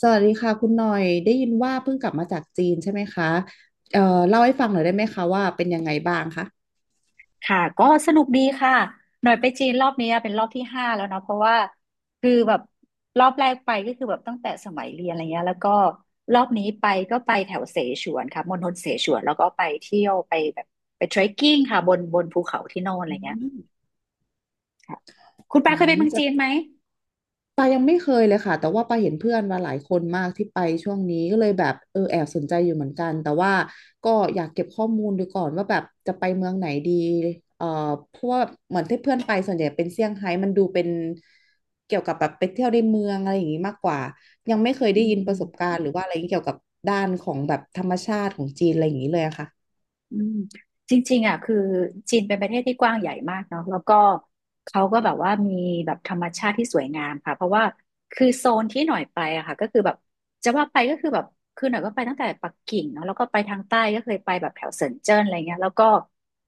สวัสดีค่ะคุณหน่อยได้ยินว่าเพิ่งกลับมาจากจีนใช่ไหมคะเอ่อเล่าให้ฟังหน่อยได้ไหมคะว่าเป็นยังไงบ้างคะค่ะก็สนุกดีค่ะหน่อยไปจีนรอบนี้เป็นรอบที่ห้าแล้วเนาะเพราะว่าคือแบบรอบแรกไปก็คือแบบตั้งแต่สมัยเรียนอะไรเงี้ยแล้วก็รอบนี้ไปก็ไปแถวเสฉวนค่ะมณฑลเสฉวนแล้วก็ไปเที่ยวไปแบบไปเทรคกิ้งค่ะบนภูเขาที่โน่นอะไรอืเงี้ยมค่ะคุณปาอืเคยไปมเมืองะ จีนไหมปายังไม่เคยเลยค่ะ แต่ว่าปาเห็นเพื่อนมาหลายคนมากที่ไปช่วงนี้ก็เลยแบบเออแอบสนใจอยู่เหมือนกันแต่ว่าก็อยากเก็บข้อมูลดูก่อนว่าแบบจะไปเมืองไหนดีเอ่อเพราะว่าเหมือนที่เพื่อนไปส่วนใหญ่เป็นเซี่ยงไฮ้มันดูเป็นเกี่ยวกับแบบไปเที่ยวในเมืองอะไรอย่างนี้มากกว่ายังไม่เคยอืได้ยินประสบม การณ์หรือว่าอะไรเกี่ยวกับด้านของแบบธรรมชาติของจีนอะไรอย่างนี้เลยอะค่ะอืมจริงๆอ่ะคือจีนเป็นประเทศที่กว้างใหญ่มากเนาะแล้วก็เขาก็แบบว่ามีแบบธรรมชาติที่สวยงามค่ะเพราะว่าคือโซนที่หน่อยไปอะค่ะก็คือแบบจะว่าไปก็คือแบบคือหน่อยก็ไปตั้งแต่ปักกิ่งเนาะแล้วก็ไปทางใต้ก็เคยไปแบบแถวเซินเจิ้นอะไรเงี้ยแล้วก็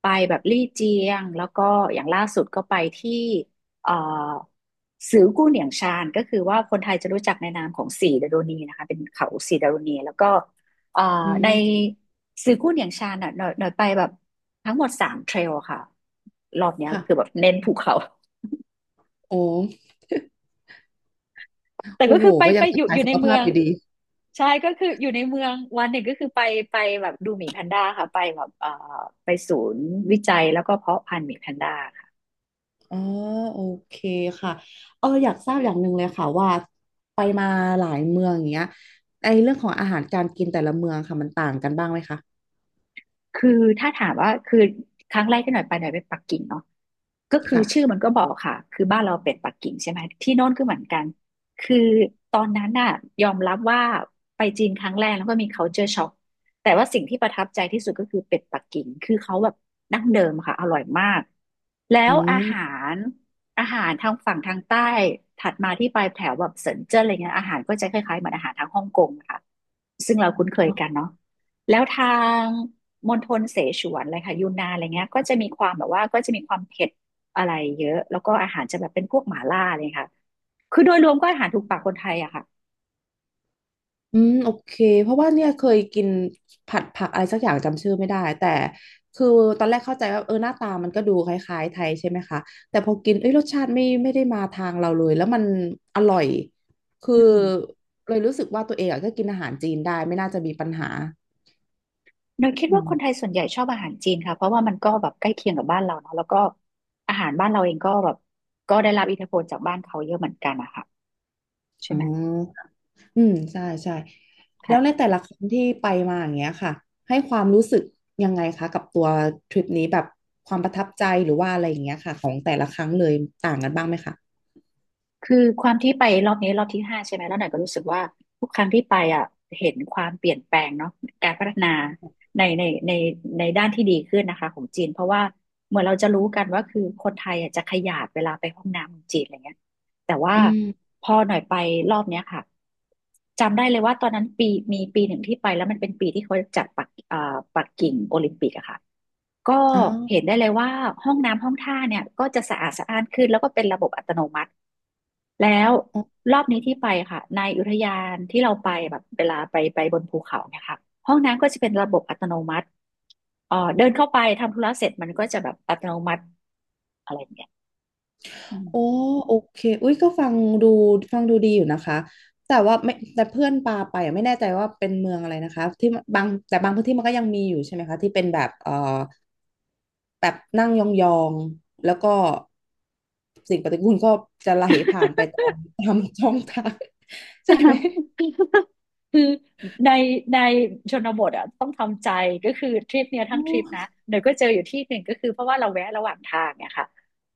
ไปแบบลี่เจียงแล้วก็อย่างล่าสุดก็ไปที่เอ่อซือกู้เหนียงชานก็คือว่าคนไทยจะรู้จักในนามของสีดารุณีนะคะเป็นเขาสีดารุณีแล้วก็ เอ่ออืในมซื้อกุ้นอย่างชาญอ่ะหน่อยไปแบบทั้งหมด3เทรลค่ะรอบเนี้ยค่ะคือแบบเน้นภูเขา โอ้ แต่โอ้ก็โหคือไปก็ไปยังเป็อนยู่สาอยยู่สุในขเมืภาอพงอยู่ดี ใช่ก็คืออยู่ในเมืองวันหนึ่งก็คือไปแบบดูหมีแพนด้าค่ะไปแบบไปศูนย์วิจัยแล้วก็เพาะพันธุ์หมีแพนด้า อ๋อโอเคค่ะเอออยากทราบอย่างหนึ่งเลยค่ะว่าไปมาหลายเมืองอย่างเงี้ยไอเรื่องของอาหารการกินแต่ละเมืองค่ะมันต่างกันบ้างไหมคะคือถ้าถามว่าคือครั้งแรกที่หน่อยไปหน่อยไปปักกิ่งเนาะก็คือค่ะชื่อมันก็บอกค่ะคือบ้านเราเป็นปักกิ่งใช่ไหมที่โน่นก็เหมือนกันคือตอนนั้นน่ะยอมรับว่าไปจีนครั้งแรกแล้วก็มี culture shock แต่ว่าสิ่งที่ประทับใจที่สุดก็คือเป็ดปักกิ่งคือเขาแบบดั้งเดิมค่ะอร่อยมากแล้อืวมรอาหารทางฝั่งทางใต้ถัดมาที่ปลายแถวแบบเซินเจิ้นอะไรเงี้ยอาหารก็จะคล้ายๆเหมือนอาหารทางฮ่องกงอะค่ะซึ่งเราคุ้นเคยกันเนาะ แล้วทางมณฑลเสฉวนอะไรค่ะยูนนานอะไรเงี้ยก็จะมีความแบบว่าก็จะมีความเผ็ดอะไรเยอะแล้วก็อาหารจะแบบเป็นพวกหม่าล่าเลยค่ะคือโดยรวมก็อาหารถูกปากคนไทยอะค่ะอืมโอเคเพราะว่าเนี่ยเคยกินผัดผักอะไรสักอย่างจำชื่อไม่ได้แต่คือตอนแรกเข้าใจว่าเออหน้าตามันก็ดูคล้ายๆไทยใช่ไหมคะแต่พอกินเอ้ยรสชาติไม่ได้มาทางเราเลยแล้วมันอร่อยคืออืมเลยรู้สึกว่าตัวเองอะก็กินอาหารจีนได้ไม่น่าจะมีปัญหาเราคิดอืว่าคมนไทยส่วนใหญ่ชอบอาหารจีนค่ะเพราะว่ามันก็แบบใกล้เคียงกับบ้านเราเนาะแล้วก็อาหารบ้านเราเองก็แบบก็ได้รับอิทธิพลจากบ้านเขาเยอะเหมือนกันอะค่ะใช่อ๋ไหมอ อืมใช่ใช่แล้ค่ะ วในแต่ละครั้งที่ไปมาอย่างเงี้ยค่ะให้ความรู้สึกยังไงคะกับตัวทริปนี้แบบความประทับใจหรือว่าอะไรอย่างเงี้ยค่ะของแต่ละครั้งเลยต่างกันบ้างไหมคะคือความที่ไปรอบนี้รอบที่ห้าใช่ไหมแล้วหน่อยก็รู้สึกว่าทุกครั้งที่ไปอ่ะเห็นความเปลี่ยนแปลงเนาะการพัฒนาในในในในด้านที่ดีขึ้นนะคะของจีนเพราะว่าเหมือนเราจะรู้กันว่าคือคนไทยอ่ะจะขยาดเวลาไปห้องน้ำของจีนอะไรเงี้ย แต่ว่าอืมพอหน่อยไปรอบเนี้ยค่ะจำได้เลยว่าตอนนั้นมีปีหนึ่งที่ไปแล้วมันเป็นปีที่เขาจัดปักกิ่งโอลิมปิกอะค่ะก็อ๋อเห็นได้เลยว่าห้องน้ำห้องท่าเนี่ยก็จะสะอาดสะอ้านขึ้นแล้วก็เป็นระบบอัตโนมัติแล้วอ๋อรอบนี้ที่ไปค่ะในอุทยานที่เราไปแบบเวลาไปไปบนภูเขาเนี่ยค่ะห้องน้ำก็จะเป็นระบบอัตโนมัติเดินเข้าไปทำธุระเสร็จมันก็จะแบบอัตโนมัติอะไรอย่างเงี้ยอืโอ้ม โอเคอุ้ยก็ดูฟังดูดีอยู่นะคะแต่ว่าไม่แต่เพื่อนปาไปอะไม่แน่ใจว่าเป็นเมืองอะไรนะคะที่บางพื้นที่มันก็ยังมีอยู่ใช่ไหมคะที่เป็นแบบแบบนั่งยองๆแล้วก็สิ่งปฏิกูลก็จะไหลผ่านไปตาม ตามช่องทาง ใช่ไหมคือในในชนบทอ่ะต้องทำใจก็คือทริปเนี้ยโทั้งทริปนะอเดี๋ยวก็เจออยู่ที่หนึ่งก็คือเพราะว่าเราแวะระหว่างทางเนี่ยค่ะ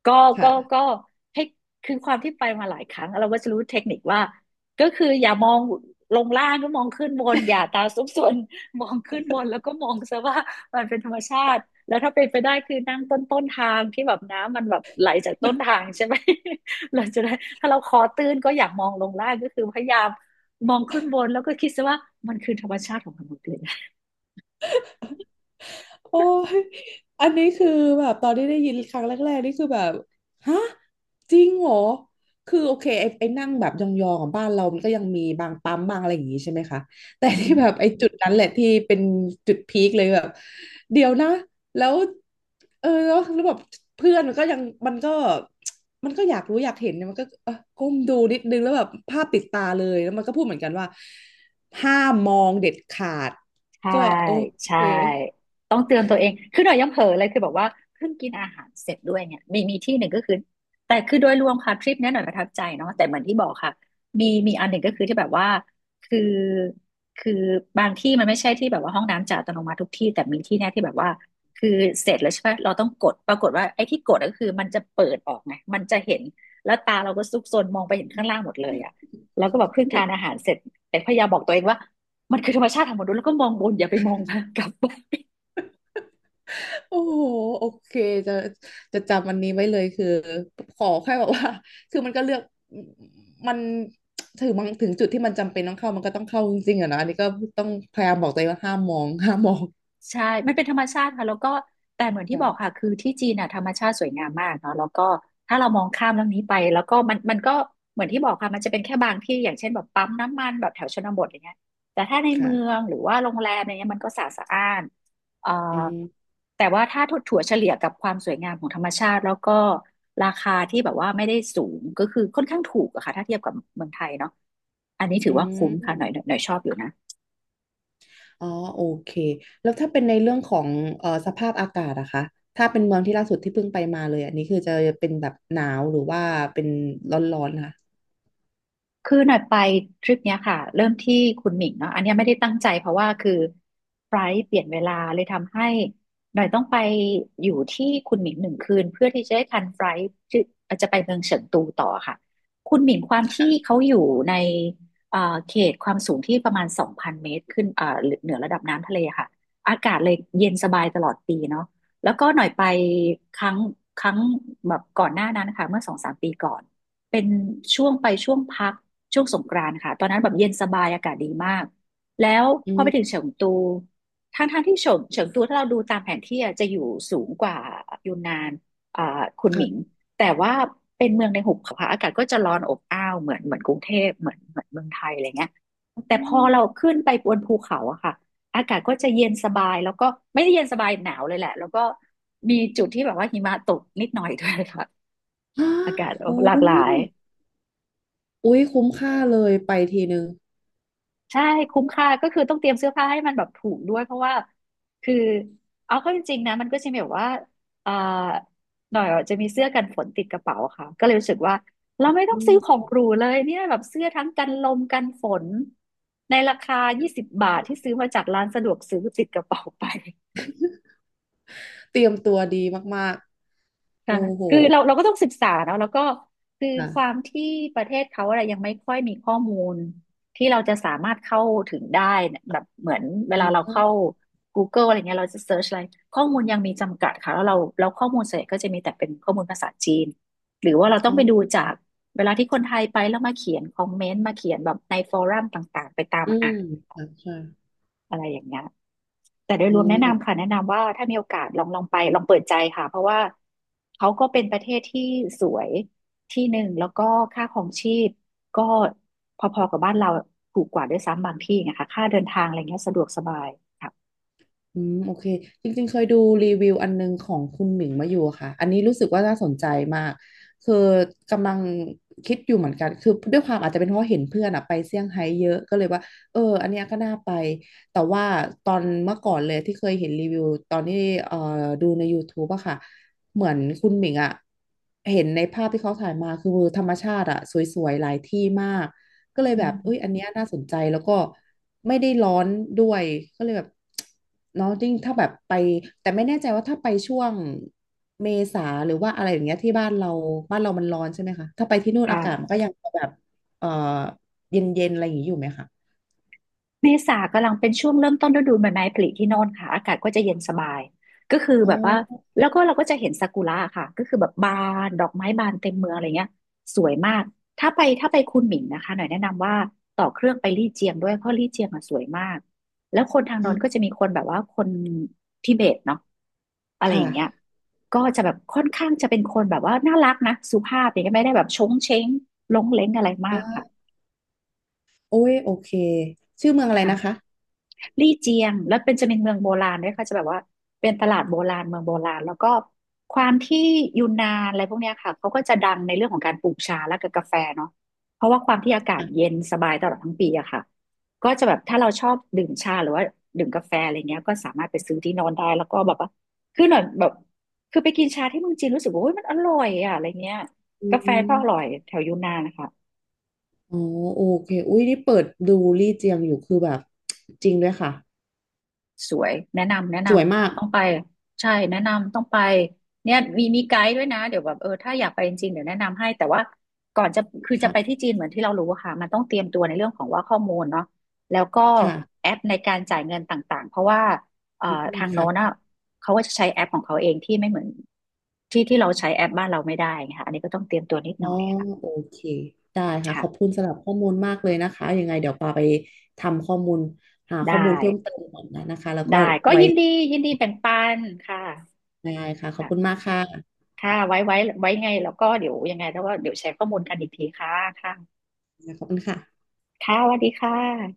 ก็ก็ค่ะ ก็ให้คือความที่ไปมาหลายครั้งเราก็จะรู้เทคนิคว่าก็คืออย่ามองลงล่างก็มองขึ้นบนอย่าตาซุกซน มองขึ้นบนแล้วก็มองซะว่ามันเป็นธรรมชาติแล้วถ้าเป็นไปได้คือนั่งต้นทางที่แบบน้ำมันแบบไหลจากต้นทางใช่ไหม เราจะได้ถ้าเราคอตื้นก็อยากมองลงล่างก็คือพยายาม มองขึ้นบนแล้วก็คิดซะว่ามันคือธรรมชาติของมนุษย์เลยนะ โอ้ย อันนี้คือแบบตอนที่ได้ยินครั้งแรกๆนี่คือแบบฮะจริงเหรอคือโอเคไอ้นั่งแบบยองๆของบ้านเรามันก็ยังมีบางปั๊มบางอะไรอย่างงี้ใช่ไหมคะแต่ที่แบบไอ้จุดนั้นแหละที่เป็นจุดพีคเลยแบบเดี๋ยวนะแล้วเออแล้วแบบเพื่อนมันก็มันก็อยากรู้อยากเห็นเนี่ยมันก็เออก้มดูนิดนึงแล้วแบบภาพติดตาเลยแล้วมันก็พูดเหมือนกันว่าห้ามมองเด็ดขาดใช่ก็โอใช่เค ต้องเตือนตัวเองคือหน่อยยังเผลอเลยคือแบบว่าเพิ่งกินอาหารเสร็จด้วยเนี่ยมีที่หนึ่งก็คือแต่คือโดยรวมค่ะทริปเนี้ยหน่อยประทับใจเนาะแต่เหมือนที่บอกค่ะมีอันหนึ่งก็คือที่แบบว่าคือคือบางที่มันไม่ใช่ที่แบบว่าห้องน้ำจะอัตโนมัติทุกที่แต่มีที่เนี้ยที่แบบว่าคือเสร็จแล้วใช่ไหมเราต้องกดปรากฏว่าไอ้ที่กดก็คือมันจะเปิดออกไงมันจะเห็นแล้วตาเราก็ซุกซนมองไปเห็นข้างล่างหมดเลยอะแล้วก็แบบเพิ่งทานอาหารเสร็จแต่พยายามบอกตัวเองว่า มันคือธรรมชาติของมนุษย์แล้วก็มองบนอย่าไปมองนะกลับโอ้โหโอเคจะจะจำอันนี้ไว้เลยคือขอแค่แบบว่า คือมันก็เลือกมันถึงบางถึงจุดที่มันจำเป็นต้องเข้ามันก็ต้องเข้าจริงๆอะนะอันนี้ก็ต้องพยายามบอกตัวเองว่าห้ามมอง ห้ามมองใช่มันเป็นธรรมชาติค่ะแล้วก็แต่เหมือนที่บค่ะอกค่ะคือที่จีนน่ะธรรมชาติสวยงามมากเนาะแล้วก็ถ้าเรามองข้ามเรื่องนี้ไปแล้วก็มันก็เหมือนที่บอกค่ะมันจะเป็นแค่บางที่อย่างเช่นแบบปั๊มน้ำมันแบบแถวชนบทอย่างเงี้ยแต่ถ้าในเมือค่ะงหรือว่าโรงแรมอะไรเงี้ยมันก็สะอาดสะอ้านเอ่ออืมแต่ว่าถ้าถั่วเฉลี่ยกับความสวยงามของธรรมชาติแล้วก็ราคาที่แบบว่าไม่ได้สูงก็คือค่อนข้างถูกอะค่ะถ้าเทียบกับเมืองไทยเนาะอันนี้ถือือว่าคุ้มค่ะหมน่อยหน่อยหน่อยชอบอยู่นะ อ๋อโอเคแล้วถ้าเป็นในเรื่องของสภาพอากาศอะคะถ้าเป็นเมืองที่ล่าสุดที่เพิ่งไปมาเลยอันนี้คือจะเป็นแบบหนาวหรือว่าเป็นร้อนๆค่ะคือหน่อยไปทริปเนี้ยค่ะเริ่มที่คุณหมิงเนาะอันเนี้ยไม่ได้ตั้งใจเพราะว่าคือไฟลท์เปลี่ยนเวลาเลยทำให้หน่อยต้องไปอยู่ที่คุณหมิง1 คืนเพื่อที่จะได้ทันไฟลท์ที่จะไปเมืองเฉิงตูต่อค่ะคุณหมิงความที่เขาอยู่ในเขตความสูงที่ประมาณ2,000 เมตรขึ้นเหนือระดับน้ำทะเลค่ะอากาศเลยเย็นสบายตลอดปีเนาะแล้วก็หน่อยไปครั้งครั้งแบบก่อนหน้านั้นนะคะเมื่อสองสามปีก่อนเป็นช่วงไปช่วงพัก ช่วงสงกรานต์ค่ะตอนนั้นแบบเย็นสบายอากาศดีมากแล้วอืพอไปถึงมเฉิงตูทั้งทางที่เฉิงตูถ้าเราดูตามแผนที่อะจะอยู่สูงกว่ายูนนานอ่าคุนหมิงค่ะแต่ว่าเป็นเมืองในหุบเขาค่ะอากาศก็จะร้อนอบอ้าวเหมือนกรุงเทพเหมือนเมืองไทยอะไรเงี้ยอ๋แต่พอเราอขึ้นไปบนภูเขาอะค่ะอากาศก็จะเย็นสบายแล้วก็ไม่ได้เย็นสบายหนาวเลยแหละแล้วก็มีจุดที่แบบว่าหิมะตกนิดหน่อยด้วยค่ะฮะ อากาศ โอ้หลากหลาย ย อุ๊ยคุ้มค่าเลยไปทีนึงใช่คุ้มค่าก็คือต้องเตรียมเสื้อผ้าให้มันแบบถูกด้วยเพราะว่าคือเอาเข้าจริงๆนะมันก็จะมีแบบว่าเอ่อหน่อยอะจะมีเสื้อกันฝนติดกระเป๋าะค่ะก็เลยรู้สึกว่าเราไม่ต้อืองซื้อของมหรูเลยเนี่ยแบบเสื้อทั้งกันลมกันฝนในราคา20 บาทที่ซื้อมาจากร้านสะดวกซื้อติดกระเป๋าไป เตรียมตัวดีมากๆค่ะโอ้โหคือเราก็ต้องศึกษาเนอะแล้วก็คือความค่ะที่ประเทศเขาอะไรยังไม่ค่อยมีข้อมูลที่เราจะสามารถเข้าถึงได้เนี่ยแบบเหมือนเวแล้ลาวเราก็เข้า Google อะไรเงี้ยเราจะเซิร์ชอะไรข้อมูลยังมีจำกัดค่ะแล้วเราแล้วข้อมูลส่วนใหญ่ก็จะมีแต่เป็นข้อมูลภาษาจีนหรือว่าเราต้ออ๋งไปดูอจากเวลาที่คนไทยไปแล้วมาเขียนคอมเมนต์มาเขียนแบบในฟอรัมต่างๆไปตามอืมอ่านค่ะใช่อะไรอย่างเงี้ย แต่โดยอ๋รวมแนะนำอ ค่ะแนะนำว่าถ้ามีโอกาสลองไปลองเปิดใจค่ะเพราะว่าเขาก็เป็นประเทศที่สวยที่หนึ่งแล้วก็ค่าครองชีพก็พอๆกับบ้านเราถูกกว่าด้วยซ้ำบางที่นะคะค่าเดินทางอะไรเงี้ยสะดวกสบายค่ะอืมโอเคจริงๆเคยดูรีวิวอันนึงของคุณหมิงมาอยู่ค่ะอันนี้รู้สึกว่าน่าสนใจมากคือกำลังคิดอยู่เหมือนกันคือด้วยความอาจจะเป็นเพราะเห็นเพื่อนอะไปเซี่ยงไฮ้เยอะก็เลยว่าเอออันเนี้ยก็น่าไปแต่ว่าตอนเมื่อก่อนเลยที่เคยเห็นรีวิวตอนที่เอ่อดูใน YouTube อะค่ะเหมือนคุณหมิงอะเห็นในภาพที่เขาถ่ายมาคือธรรมชาติอะสวยๆหลายที่มาก ก็เลยอืแบบเอ้ยมอันเนี้ยน่าสนใจแล้วก็ไม่ได้ร้อนด้วยก็เลยแบบ เนาะยิ่งถ้าแบบไปแต่ไม่แน่ใจว่าถ้าไปช่วงเมษาหรือว่าอะไรอย่างเงี้ยที่บ้านเรามันร้อนใช่ไหมคะถ้าไปที่นู่นอาค่ะ กาศมันก็ยังแบบเอ่อเย็นๆอะไรอย่างนี้อยู่ไหมคะเมษากำลังเป็นช่วงเริ่มต้นฤดูใบไม้ผลิที่โน่นค่ะอากาศก็จะเย็นสบายก็คืออ๋แบบว่าอแล้วก็เราก็จะเห็นซากุระค่ะก็คือแบบบานดอกไม้บานเต็มเมืองอะไรเงี้ยสวยมากถ้าไปคุนหมิงนะคะหน่อยแนะนำว่าต่อเครื่องไปลี่เจียงด้วยเพราะลี่เจียงอ่ะสวยมากแล้วคนทางอ๋โน้อนก็จะมีคนแบบว่าคนทิเบตเนาะอะไรอค่ะย่างเงี้ยก็จะแบบค่อนข้างจะเป็นคนแบบว่าน่ารักนะสุภาพอย่างเงี้ยไม่ได้แบบชงเช้งลงเล้งอะไรมาอ๋กค่ะอโอ้ย โอเค ชื่อเมืองอะไรนะคะค่ะ ลี่เจียงแล้วเป็นจะเป็นเมืองโบราณด้วยค่ะจะแบบว่าเป็นตลาดโบราณเมืองโบราณแล้วก็ความที่ยูนนานอะไรพวกเนี้ยค่ะเขาก็จะดังในเรื่องของการปลูกชาและกับกาแฟเนาะเพราะว่าความที่อากาศเย็อ่ะนสบายตลอดทั้งปีอะค่ะก็จะแบบถ้าเราชอบดื่มชาหรือว่าดื่มกาแฟอะไรเงี้ยก็สามารถไปซื้อที่โนอนได้แล้วก็แบบว่าคือหน่อยแบบคือไปกินชาที่เมืองจีนรู้สึกว่าโอ้ยมันอร่อยอะอะไรเงี้ยอืกาแฟก็อร่อยมแถวยูนนานนะคะ อ๋อโอเคอุ้ยนี่เปิดดูลี่เจียงอยู่คือแบบ จริงด้วยค่ะสวยแนะนำแนะนสวยมากำต้องไปใช่แนะนำต้องไปเนี่ยมีไกด์ด้วยนะเดี๋ยวแบบเออถ้าอยากไปจริงๆเดี๋ยวแนะนำให้แต่ว่าก่อนจะคือจะไปที่ค่ะจีนเหมือนที่เรารู้อะค่ะมันต้องเตรียมตัวในเรื่องของว่าข้อมูลเนาะแล้วก็ค่ะแอปในการจ่ายเงินต่างๆเพราะว่าเอ่ออืมทางโน้นค่ะ อะเขาก็จะใช้แอปของเขาเองที่ไม่เหมือนที่ที่เราใช้แอปบ้านเราไม่ได้นะค่ะอันนี้ก็ต้องเตรียมตัวนิดหอ๋อน่อยค่ะโอเคได้ค่ะขอบคุค่ะณสำหรับข้อมูลมากเลยนะคะยังไงเดี๋ยวปาไปทำข้อมูลหาข้ได้อมูลเพิ่มเติมก่อนนะนะคะแล้วก็ได้ก็ไว้ยินดียินดีแบ่งปันค่ะได้ค่ะขอบคุณค่ะ มากค่ะค่ะไว้ไง แล้วก็เดี๋ยวยังไงแล้วก็เดี๋ยวแชร์ข้อมูลกันอีกทีค่ะ ค่ะขอบคุณค่ะค่ะสวัสดีค่ะ